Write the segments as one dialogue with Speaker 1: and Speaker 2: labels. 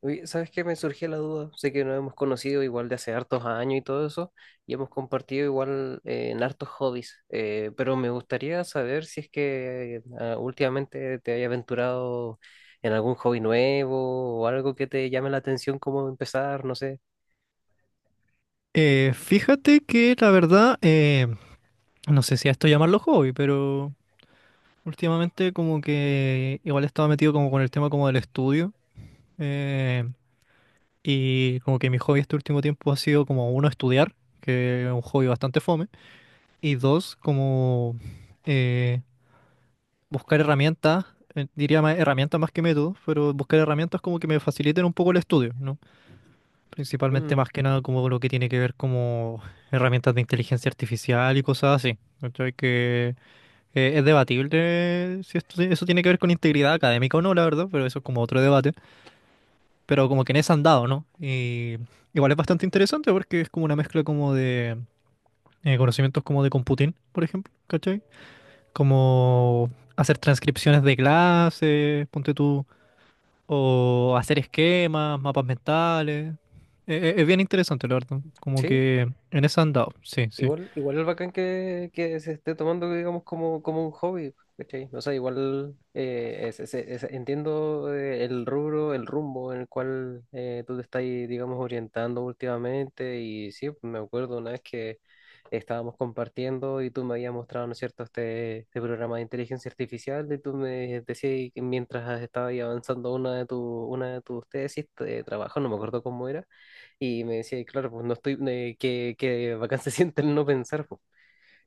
Speaker 1: Oye, ¿sabes qué? Me surgió la duda. Sé que nos hemos conocido igual de hace hartos años y todo eso, y hemos compartido igual en hartos hobbies, pero me gustaría saber si es que últimamente te hayas aventurado en algún hobby nuevo o algo que te llame la atención, cómo empezar, no sé.
Speaker 2: Fíjate que la verdad, no sé si a esto llamarlo hobby, pero últimamente como que igual estaba metido como con el tema como del estudio eh, y como que mi hobby este último tiempo ha sido como uno estudiar, que es un hobby bastante fome, y dos como eh, buscar herramientas, diría más herramientas más que métodos, pero buscar herramientas como que me faciliten un poco el estudio, ¿no? Principalmente
Speaker 1: Mm,
Speaker 2: más que nada como lo que tiene que ver como herramientas de inteligencia artificial y cosas así. ¿Cachai? Que es debatible si eso tiene que ver con integridad académica o no, la verdad, pero eso es como otro debate. Pero como que en ese andado, ¿no? Y igual es bastante interesante porque es como una mezcla como de conocimientos como de computing, por ejemplo, ¿cachai? Como hacer transcripciones de clases, ponte tú, o hacer esquemas, mapas mentales. Es bien interesante, la verdad. Como
Speaker 1: ¿sí?
Speaker 2: que en eso han dado. Sí, sí.
Speaker 1: Igual, igual es bacán que se esté tomando, digamos, como, como un hobby, ¿cachai? O sea, igual entiendo el rumbo en el cual tú te estás, digamos, orientando últimamente. Y sí, me acuerdo una vez que estábamos compartiendo y tú me habías mostrado, ¿no es cierto?, este programa de inteligencia artificial y tú me decías que mientras estabas ahí avanzando una una de tus tesis de trabajo, no me acuerdo cómo era y me decía, y claro, pues no estoy, que bacán se siente el no pensar, pues.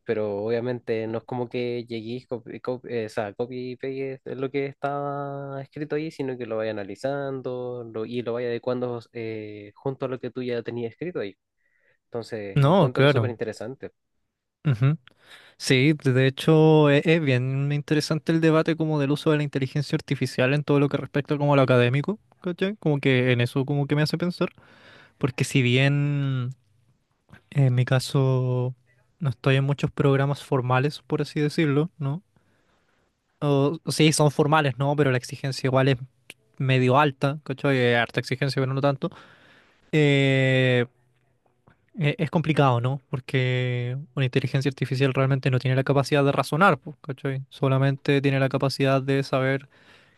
Speaker 1: Pero obviamente no es como que lleguéis, o sea, copy y pegues lo que estaba escrito ahí, sino que lo vaya analizando y lo vaya adecuando junto a lo que tú ya tenías escrito ahí. Entonces,
Speaker 2: No,
Speaker 1: encuentro súper
Speaker 2: claro.
Speaker 1: interesante.
Speaker 2: Ujú. Sí, de hecho es, bien interesante el debate como del uso de la inteligencia artificial en todo lo que respecta como a lo académico, ¿cachai? Como que en eso como que me hace pensar, porque si bien en mi caso no estoy en muchos programas formales, por así decirlo, ¿no? O sí, son formales, ¿no? Pero la exigencia igual es medio alta, ¿cachai? Harta exigencia, pero no tanto. Eh, es complicado, ¿no? Porque una inteligencia artificial realmente no tiene la capacidad de razonar, po, ¿cachai? Solamente tiene la capacidad de saber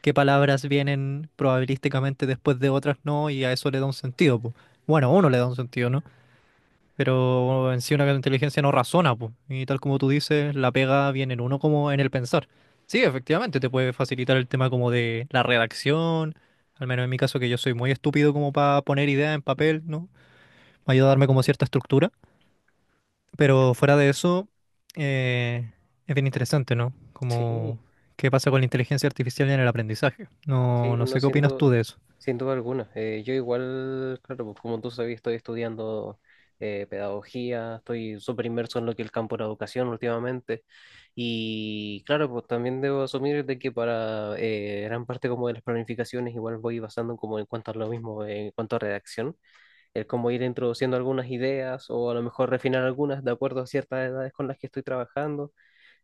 Speaker 2: qué palabras vienen probabilísticamente después de otras no, y a eso le da un sentido, po. Bueno, a uno le da un sentido, ¿no? Pero en sí una inteligencia no razona, pues. Y tal como tú dices, la pega viene en uno como en el pensar. Sí, efectivamente, te puede facilitar el tema como de la redacción, al menos en mi caso que yo soy muy estúpido como para poner ideas en papel, ¿no? Me ayuda a darme como cierta estructura. Pero fuera de eso, eh, es bien interesante, ¿no?
Speaker 1: Sí.
Speaker 2: Como qué pasa con la inteligencia artificial en el aprendizaje.
Speaker 1: Sí,
Speaker 2: No, no
Speaker 1: bueno,
Speaker 2: sé qué
Speaker 1: sin
Speaker 2: opinas
Speaker 1: duda,
Speaker 2: tú de eso.
Speaker 1: sin duda alguna. Yo igual, claro, pues como tú sabes, estoy estudiando pedagogía, estoy súper inmerso en lo que es el campo de la educación últimamente. Y claro, pues también debo asumir de que para gran parte como de las planificaciones igual voy basando como en cuanto a lo mismo, en cuanto a redacción, el cómo ir introduciendo algunas ideas o a lo mejor refinar algunas de acuerdo a ciertas edades con las que estoy trabajando.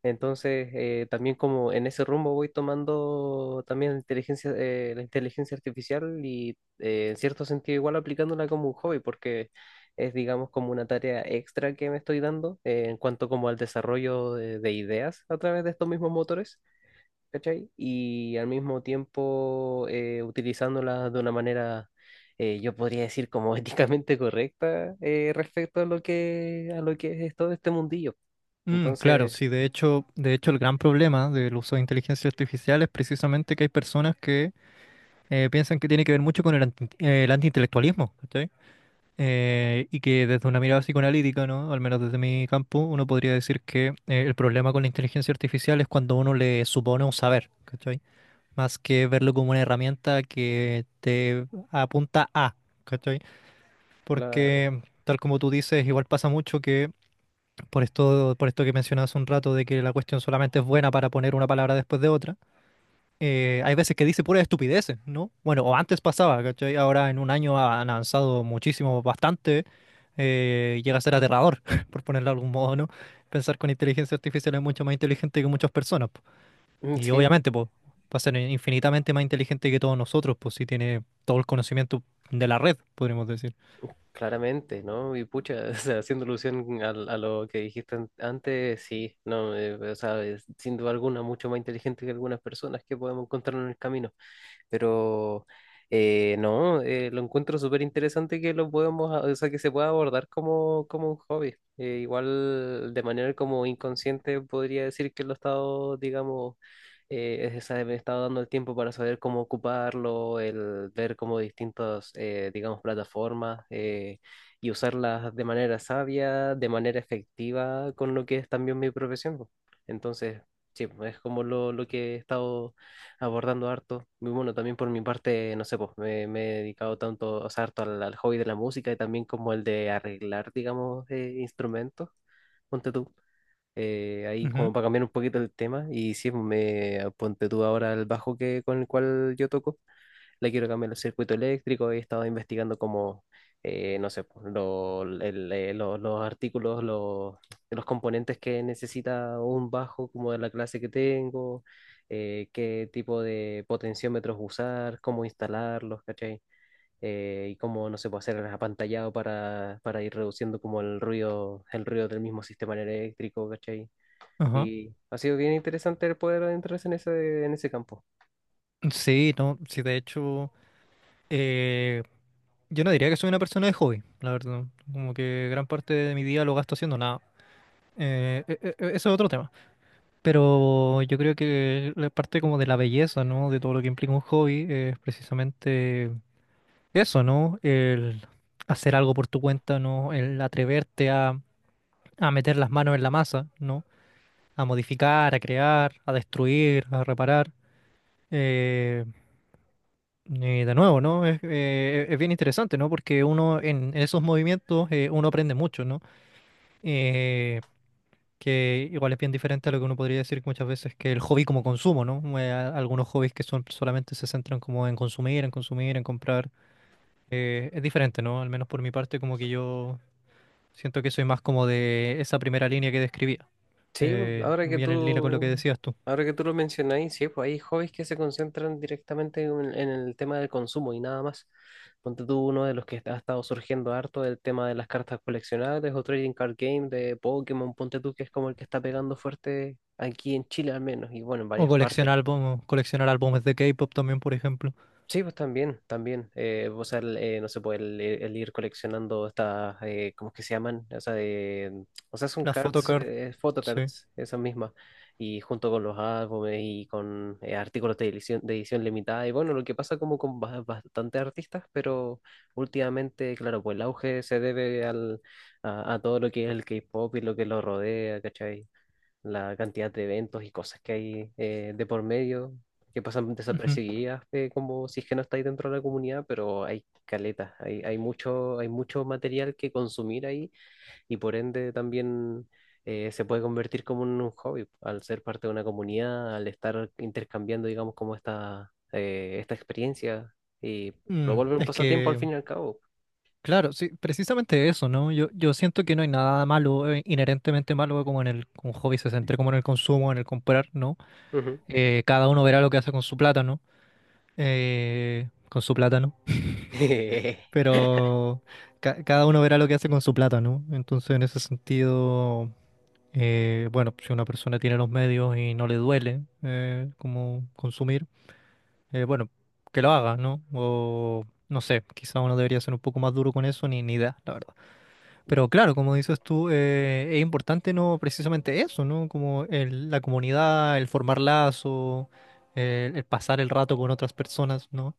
Speaker 1: Entonces, también como en ese rumbo voy tomando también la inteligencia artificial y en cierto sentido igual aplicándola como un hobby, porque es digamos como una tarea extra que me estoy dando en cuanto como al desarrollo de ideas a través de estos mismos motores, ¿cachai? Y al mismo tiempo utilizándola de una manera, yo podría decir como éticamente correcta respecto a lo a lo que es todo este mundillo.
Speaker 2: Mm, claro,
Speaker 1: Entonces...
Speaker 2: sí, de hecho el gran problema del uso de inteligencia artificial es precisamente que hay personas que piensan que tiene que ver mucho con el, el antiintelectualismo, ¿cachai? Y que desde una mirada psicoanalítica, ¿no? Al menos desde mi campo, uno podría decir que el problema con la inteligencia artificial es cuando uno le supone un saber, ¿cachai? Más que verlo como una herramienta que te apunta a, ¿cachai?
Speaker 1: La,
Speaker 2: Porque tal como tú dices, igual pasa mucho que por esto que mencionas un rato de que la cuestión solamente es buena para poner una palabra después de otra hay veces que dice pura estupidez, ¿no? Bueno, o antes pasaba, ¿cachai? Ahora en un año han avanzado muchísimo, bastante. Llega a ser aterrador, por ponerlo de algún modo, ¿no? Pensar con inteligencia artificial es mucho más inteligente que muchas personas, po.
Speaker 1: mm,
Speaker 2: Y
Speaker 1: sí, mm,
Speaker 2: obviamente, pues, va a ser infinitamente más inteligente que todos nosotros, pues, si tiene todo el conocimiento de la red, podríamos decir.
Speaker 1: claramente, ¿no? Y pucha, o sea, haciendo alusión a lo que dijiste antes, sí, no, o sea, es sin duda alguna mucho más inteligente que algunas personas que podemos encontrar en el camino. Pero no, lo encuentro súper interesante que lo podamos, o sea, que se pueda abordar como, como un hobby. Igual de manera como inconsciente podría decir que lo he estado, digamos, me he estado dando el tiempo para saber cómo ocuparlo, el ver como distintas, digamos, plataformas y usarlas de manera sabia, de manera efectiva con lo que es también mi profesión, po. Entonces, sí, es como lo que he estado abordando harto. Y bueno, también por mi parte, no sé, pues me he dedicado tanto, o sea, harto al hobby de la música y también como el de arreglar, digamos, instrumentos. Ponte tú. Ahí
Speaker 2: Ujú.
Speaker 1: como para cambiar un poquito el tema y sí, pues, me ponte tú ahora el bajo que, con el cual yo toco le quiero cambiar el circuito eléctrico, he estado investigando como, no sé, pues, los artículos, los componentes que necesita un bajo como de la clase que tengo, qué tipo de potenciómetros usar, cómo instalarlos, ¿cachai? Y cómo, no sé, puede hacer el apantallado para ir reduciendo como el ruido del mismo sistema eléctrico, ¿cachai?
Speaker 2: Ajá.
Speaker 1: Y ha sido bien interesante el poder adentrarse en ese campo.
Speaker 2: Sí, no, sí, de hecho, eh, yo no diría que soy una persona de hobby, la verdad. Como que gran parte de mi día lo gasto haciendo nada. Eso es otro tema. Pero yo creo que la parte como de la belleza, ¿no? De todo lo que implica un hobby es precisamente eso, ¿no? El hacer algo por tu cuenta, ¿no? El atreverte a meter las manos en la masa, ¿no? A modificar, a crear, a destruir, a reparar. Eh, y de nuevo, ¿no? Es bien interesante, ¿no? Porque uno en esos movimientos, uno aprende mucho, ¿no? Eh, que igual es bien diferente a lo que uno podría decir muchas veces que el hobby como consumo, ¿no? Algunos hobbies que son solamente se centran como en consumir, en consumir, en comprar. Es diferente, ¿no? Al menos por mi parte, como que yo siento que soy más como de esa primera línea que describía,
Speaker 1: Sí, ahora
Speaker 2: muy
Speaker 1: que
Speaker 2: bien en línea con lo que
Speaker 1: tú,
Speaker 2: decías tú.
Speaker 1: ahora que tú lo mencionáis, sí, pues hay hobbies que se concentran directamente en el tema del consumo y nada más. Ponte tú uno de los que ha estado surgiendo harto, el tema de las cartas coleccionables o trading card game de Pokémon, ponte tú, que es como el que está pegando fuerte aquí en Chile al menos y bueno, en
Speaker 2: O
Speaker 1: varias partes.
Speaker 2: coleccionar álbumes de K-pop también, por ejemplo.
Speaker 1: Sí, pues también, también. O sea, no se puede el ir coleccionando estas, ¿cómo es que se llaman? O sea, de, o sea, son
Speaker 2: La
Speaker 1: cards,
Speaker 2: photocard,
Speaker 1: eh,
Speaker 2: sí.
Speaker 1: photocards, esas mismas. Y junto con los álbumes y con artículos de edición limitada. Y bueno, lo que pasa como con bastantes artistas, pero últimamente, claro, pues el auge se debe a todo lo que es el K-pop y lo que lo rodea, ¿cachai? La cantidad de eventos y cosas que hay de por medio, que pasan
Speaker 2: Ujú.
Speaker 1: desapercibidas, como si es que no estáis dentro de la comunidad, pero hay caletas, hay, hay mucho material que consumir ahí y por ende también se puede convertir como en un hobby al ser parte de una comunidad, al estar intercambiando, digamos, como esta, esta experiencia y lo
Speaker 2: Mm,
Speaker 1: vuelve un
Speaker 2: es
Speaker 1: pasatiempo al fin
Speaker 2: que
Speaker 1: y al cabo.
Speaker 2: claro, sí, precisamente eso, ¿no? Yo siento que no hay nada malo, inherentemente malo, como en el como hobby se centre, como en el consumo, en el comprar, ¿no?
Speaker 1: Ujú.
Speaker 2: Cada uno verá lo que hace con su plata, ¿no? Con su plata, ¿no? Pero cada uno verá lo que hace con su plata, ¿no? Entonces, en ese sentido, bueno, si una persona tiene los medios y no le duele como consumir, bueno, que lo haga, ¿no? O no sé, quizá uno debería ser un poco más duro con eso, ni idea, la verdad. Pero claro, como dices tú, es importante no precisamente eso, ¿no? Como la comunidad, el formar lazos, el pasar el rato con otras personas, ¿no?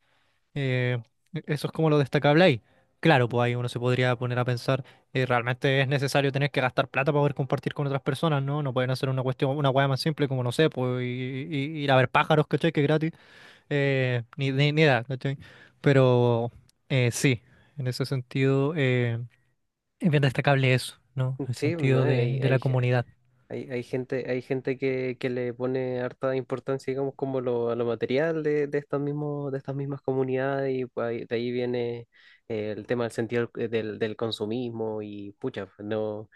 Speaker 2: Eh, Eso es como lo destacable ahí. Claro, pues ahí uno se podría poner a pensar, realmente es necesario tener que gastar plata para poder compartir con otras personas, ¿no? No pueden hacer una cuestión, una hueá más simple como, no sé, pues ir a ver pájaros, ¿cachai? Que es gratis, ni idea, ¿cachai? Pero sí, en ese sentido. Es bien destacable eso, ¿no? El
Speaker 1: Sí, no,
Speaker 2: sentido
Speaker 1: hay,
Speaker 2: de la
Speaker 1: hay,
Speaker 2: comunidad.
Speaker 1: Hay, hay gente que le pone harta importancia, digamos, como a lo material de estos mismos, de estas mismas comunidades, y pues de ahí viene el tema del sentido del consumismo, y pucha, pues, no,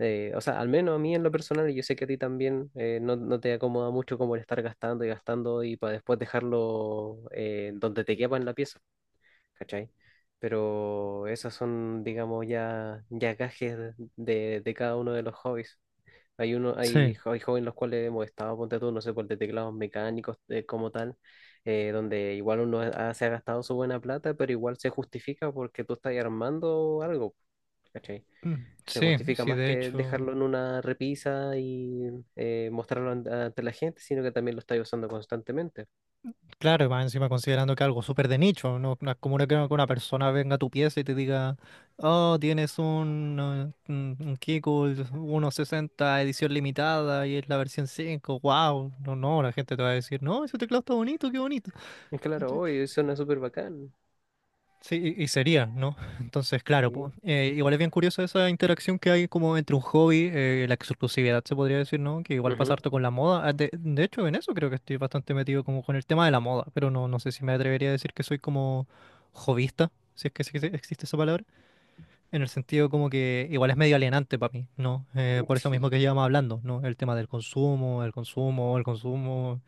Speaker 1: o sea, al menos a mí en lo personal, y yo sé que a ti también, no, no te acomoda mucho como el estar gastando y gastando, y para después dejarlo donde te quepa en la pieza, ¿cachai? Pero esas son, digamos, ya, ya gajes de cada uno de los hobbies. Hay uno, hay,
Speaker 2: Sí,
Speaker 1: hay jóvenes los cuales hemos estado, ponte tú, no sé, por de teclados mecánicos como tal, donde igual uno se ha gastado su buena plata, pero igual se justifica porque tú estás armando algo, ¿cachai?
Speaker 2: mm,
Speaker 1: Se
Speaker 2: sí,
Speaker 1: justifica
Speaker 2: sí,
Speaker 1: más
Speaker 2: de
Speaker 1: que
Speaker 2: hecho,
Speaker 1: dejarlo en una repisa y mostrarlo ante la gente, sino que también lo estás usando constantemente.
Speaker 2: claro, y más encima considerando que algo súper de nicho, no, no es como que una persona venga a tu pieza y te diga, oh, tienes un Kegel 1.60 edición limitada y es la versión 5. Wow, no, no, la gente te va a decir, no, ese teclado está bonito, qué bonito.
Speaker 1: Y claro, hoy suena súper bacán.
Speaker 2: Sí, y sería, ¿no? Entonces, claro,
Speaker 1: Sí.
Speaker 2: po, igual es bien curioso esa interacción que hay como entre un hobby, la exclusividad se podría decir, ¿no? Que igual pasa
Speaker 1: Ujú.
Speaker 2: pasarte con la moda. Ah, de hecho, en eso creo que estoy bastante metido como con el tema de la moda, pero no, no sé si me atrevería a decir que soy como hobbyista, si es que existe esa palabra, en el sentido como que igual es medio alienante para mí, ¿no? Por eso
Speaker 1: Sí,
Speaker 2: mismo que llevamos hablando, ¿no? El tema del consumo, el consumo, el consumo.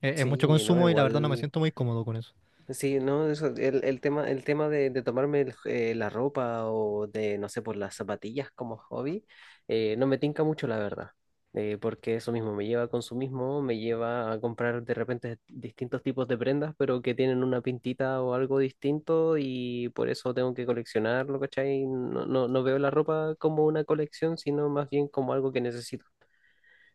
Speaker 2: Es mucho
Speaker 1: sí, no,
Speaker 2: consumo y la verdad no me
Speaker 1: igual.
Speaker 2: siento muy cómodo con eso.
Speaker 1: Sí, no, eso, el tema de tomarme la ropa o de, no sé, por las zapatillas como hobby, no me tinca mucho, la verdad. Porque eso mismo me lleva a consumismo, me lleva a comprar de repente distintos tipos de prendas, pero que tienen una pintita o algo distinto y por eso tengo que coleccionarlo, ¿cachai? No, no, no veo la ropa como una colección, sino más bien como algo que necesito.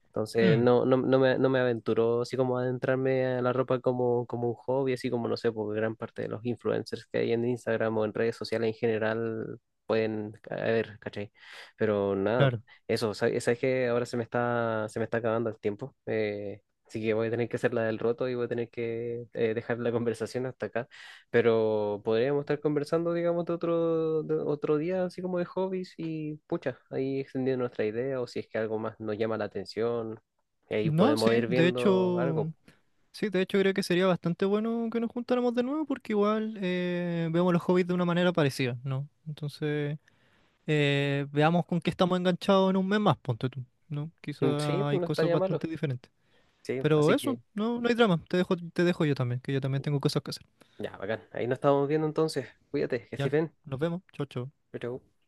Speaker 1: Entonces
Speaker 2: Mm,
Speaker 1: no, no, no me, no me aventuró así como a adentrarme a la ropa como, como un hobby, así como no sé, porque gran parte de los influencers que hay en Instagram o en redes sociales en general pueden ver, ¿cachai? Pero nada,
Speaker 2: claro.
Speaker 1: eso, ¿sabes, sabes que ahora se me está acabando el tiempo? Así que voy a tener que hacer la del roto y voy a tener que dejar la conversación hasta acá. Pero podríamos estar conversando, digamos, de otro día, así como de hobbies y pucha, ahí extendiendo nuestra idea o si es que algo más nos llama la atención, y ahí
Speaker 2: No, sí,
Speaker 1: podemos ir
Speaker 2: de
Speaker 1: viendo algo.
Speaker 2: hecho. Sí, de hecho creo que sería bastante bueno que nos juntáramos de nuevo porque igual vemos los hobbies de una manera parecida, ¿no? Entonces, veamos con qué estamos enganchados en 1 mes más, ponte tú, ¿no?
Speaker 1: Mm, sí,
Speaker 2: Quizá
Speaker 1: pues
Speaker 2: hay
Speaker 1: no
Speaker 2: cosas
Speaker 1: estaría malo.
Speaker 2: bastante diferentes.
Speaker 1: Sí,
Speaker 2: Pero
Speaker 1: así
Speaker 2: eso,
Speaker 1: que
Speaker 2: no, no hay drama. Te dejo yo también, que yo también tengo cosas que hacer.
Speaker 1: ya, bacán. Ahí nos estamos viendo entonces. Cuídate, que estés
Speaker 2: Ya,
Speaker 1: bien.
Speaker 2: nos vemos. Chao, chao.
Speaker 1: Chau, chau.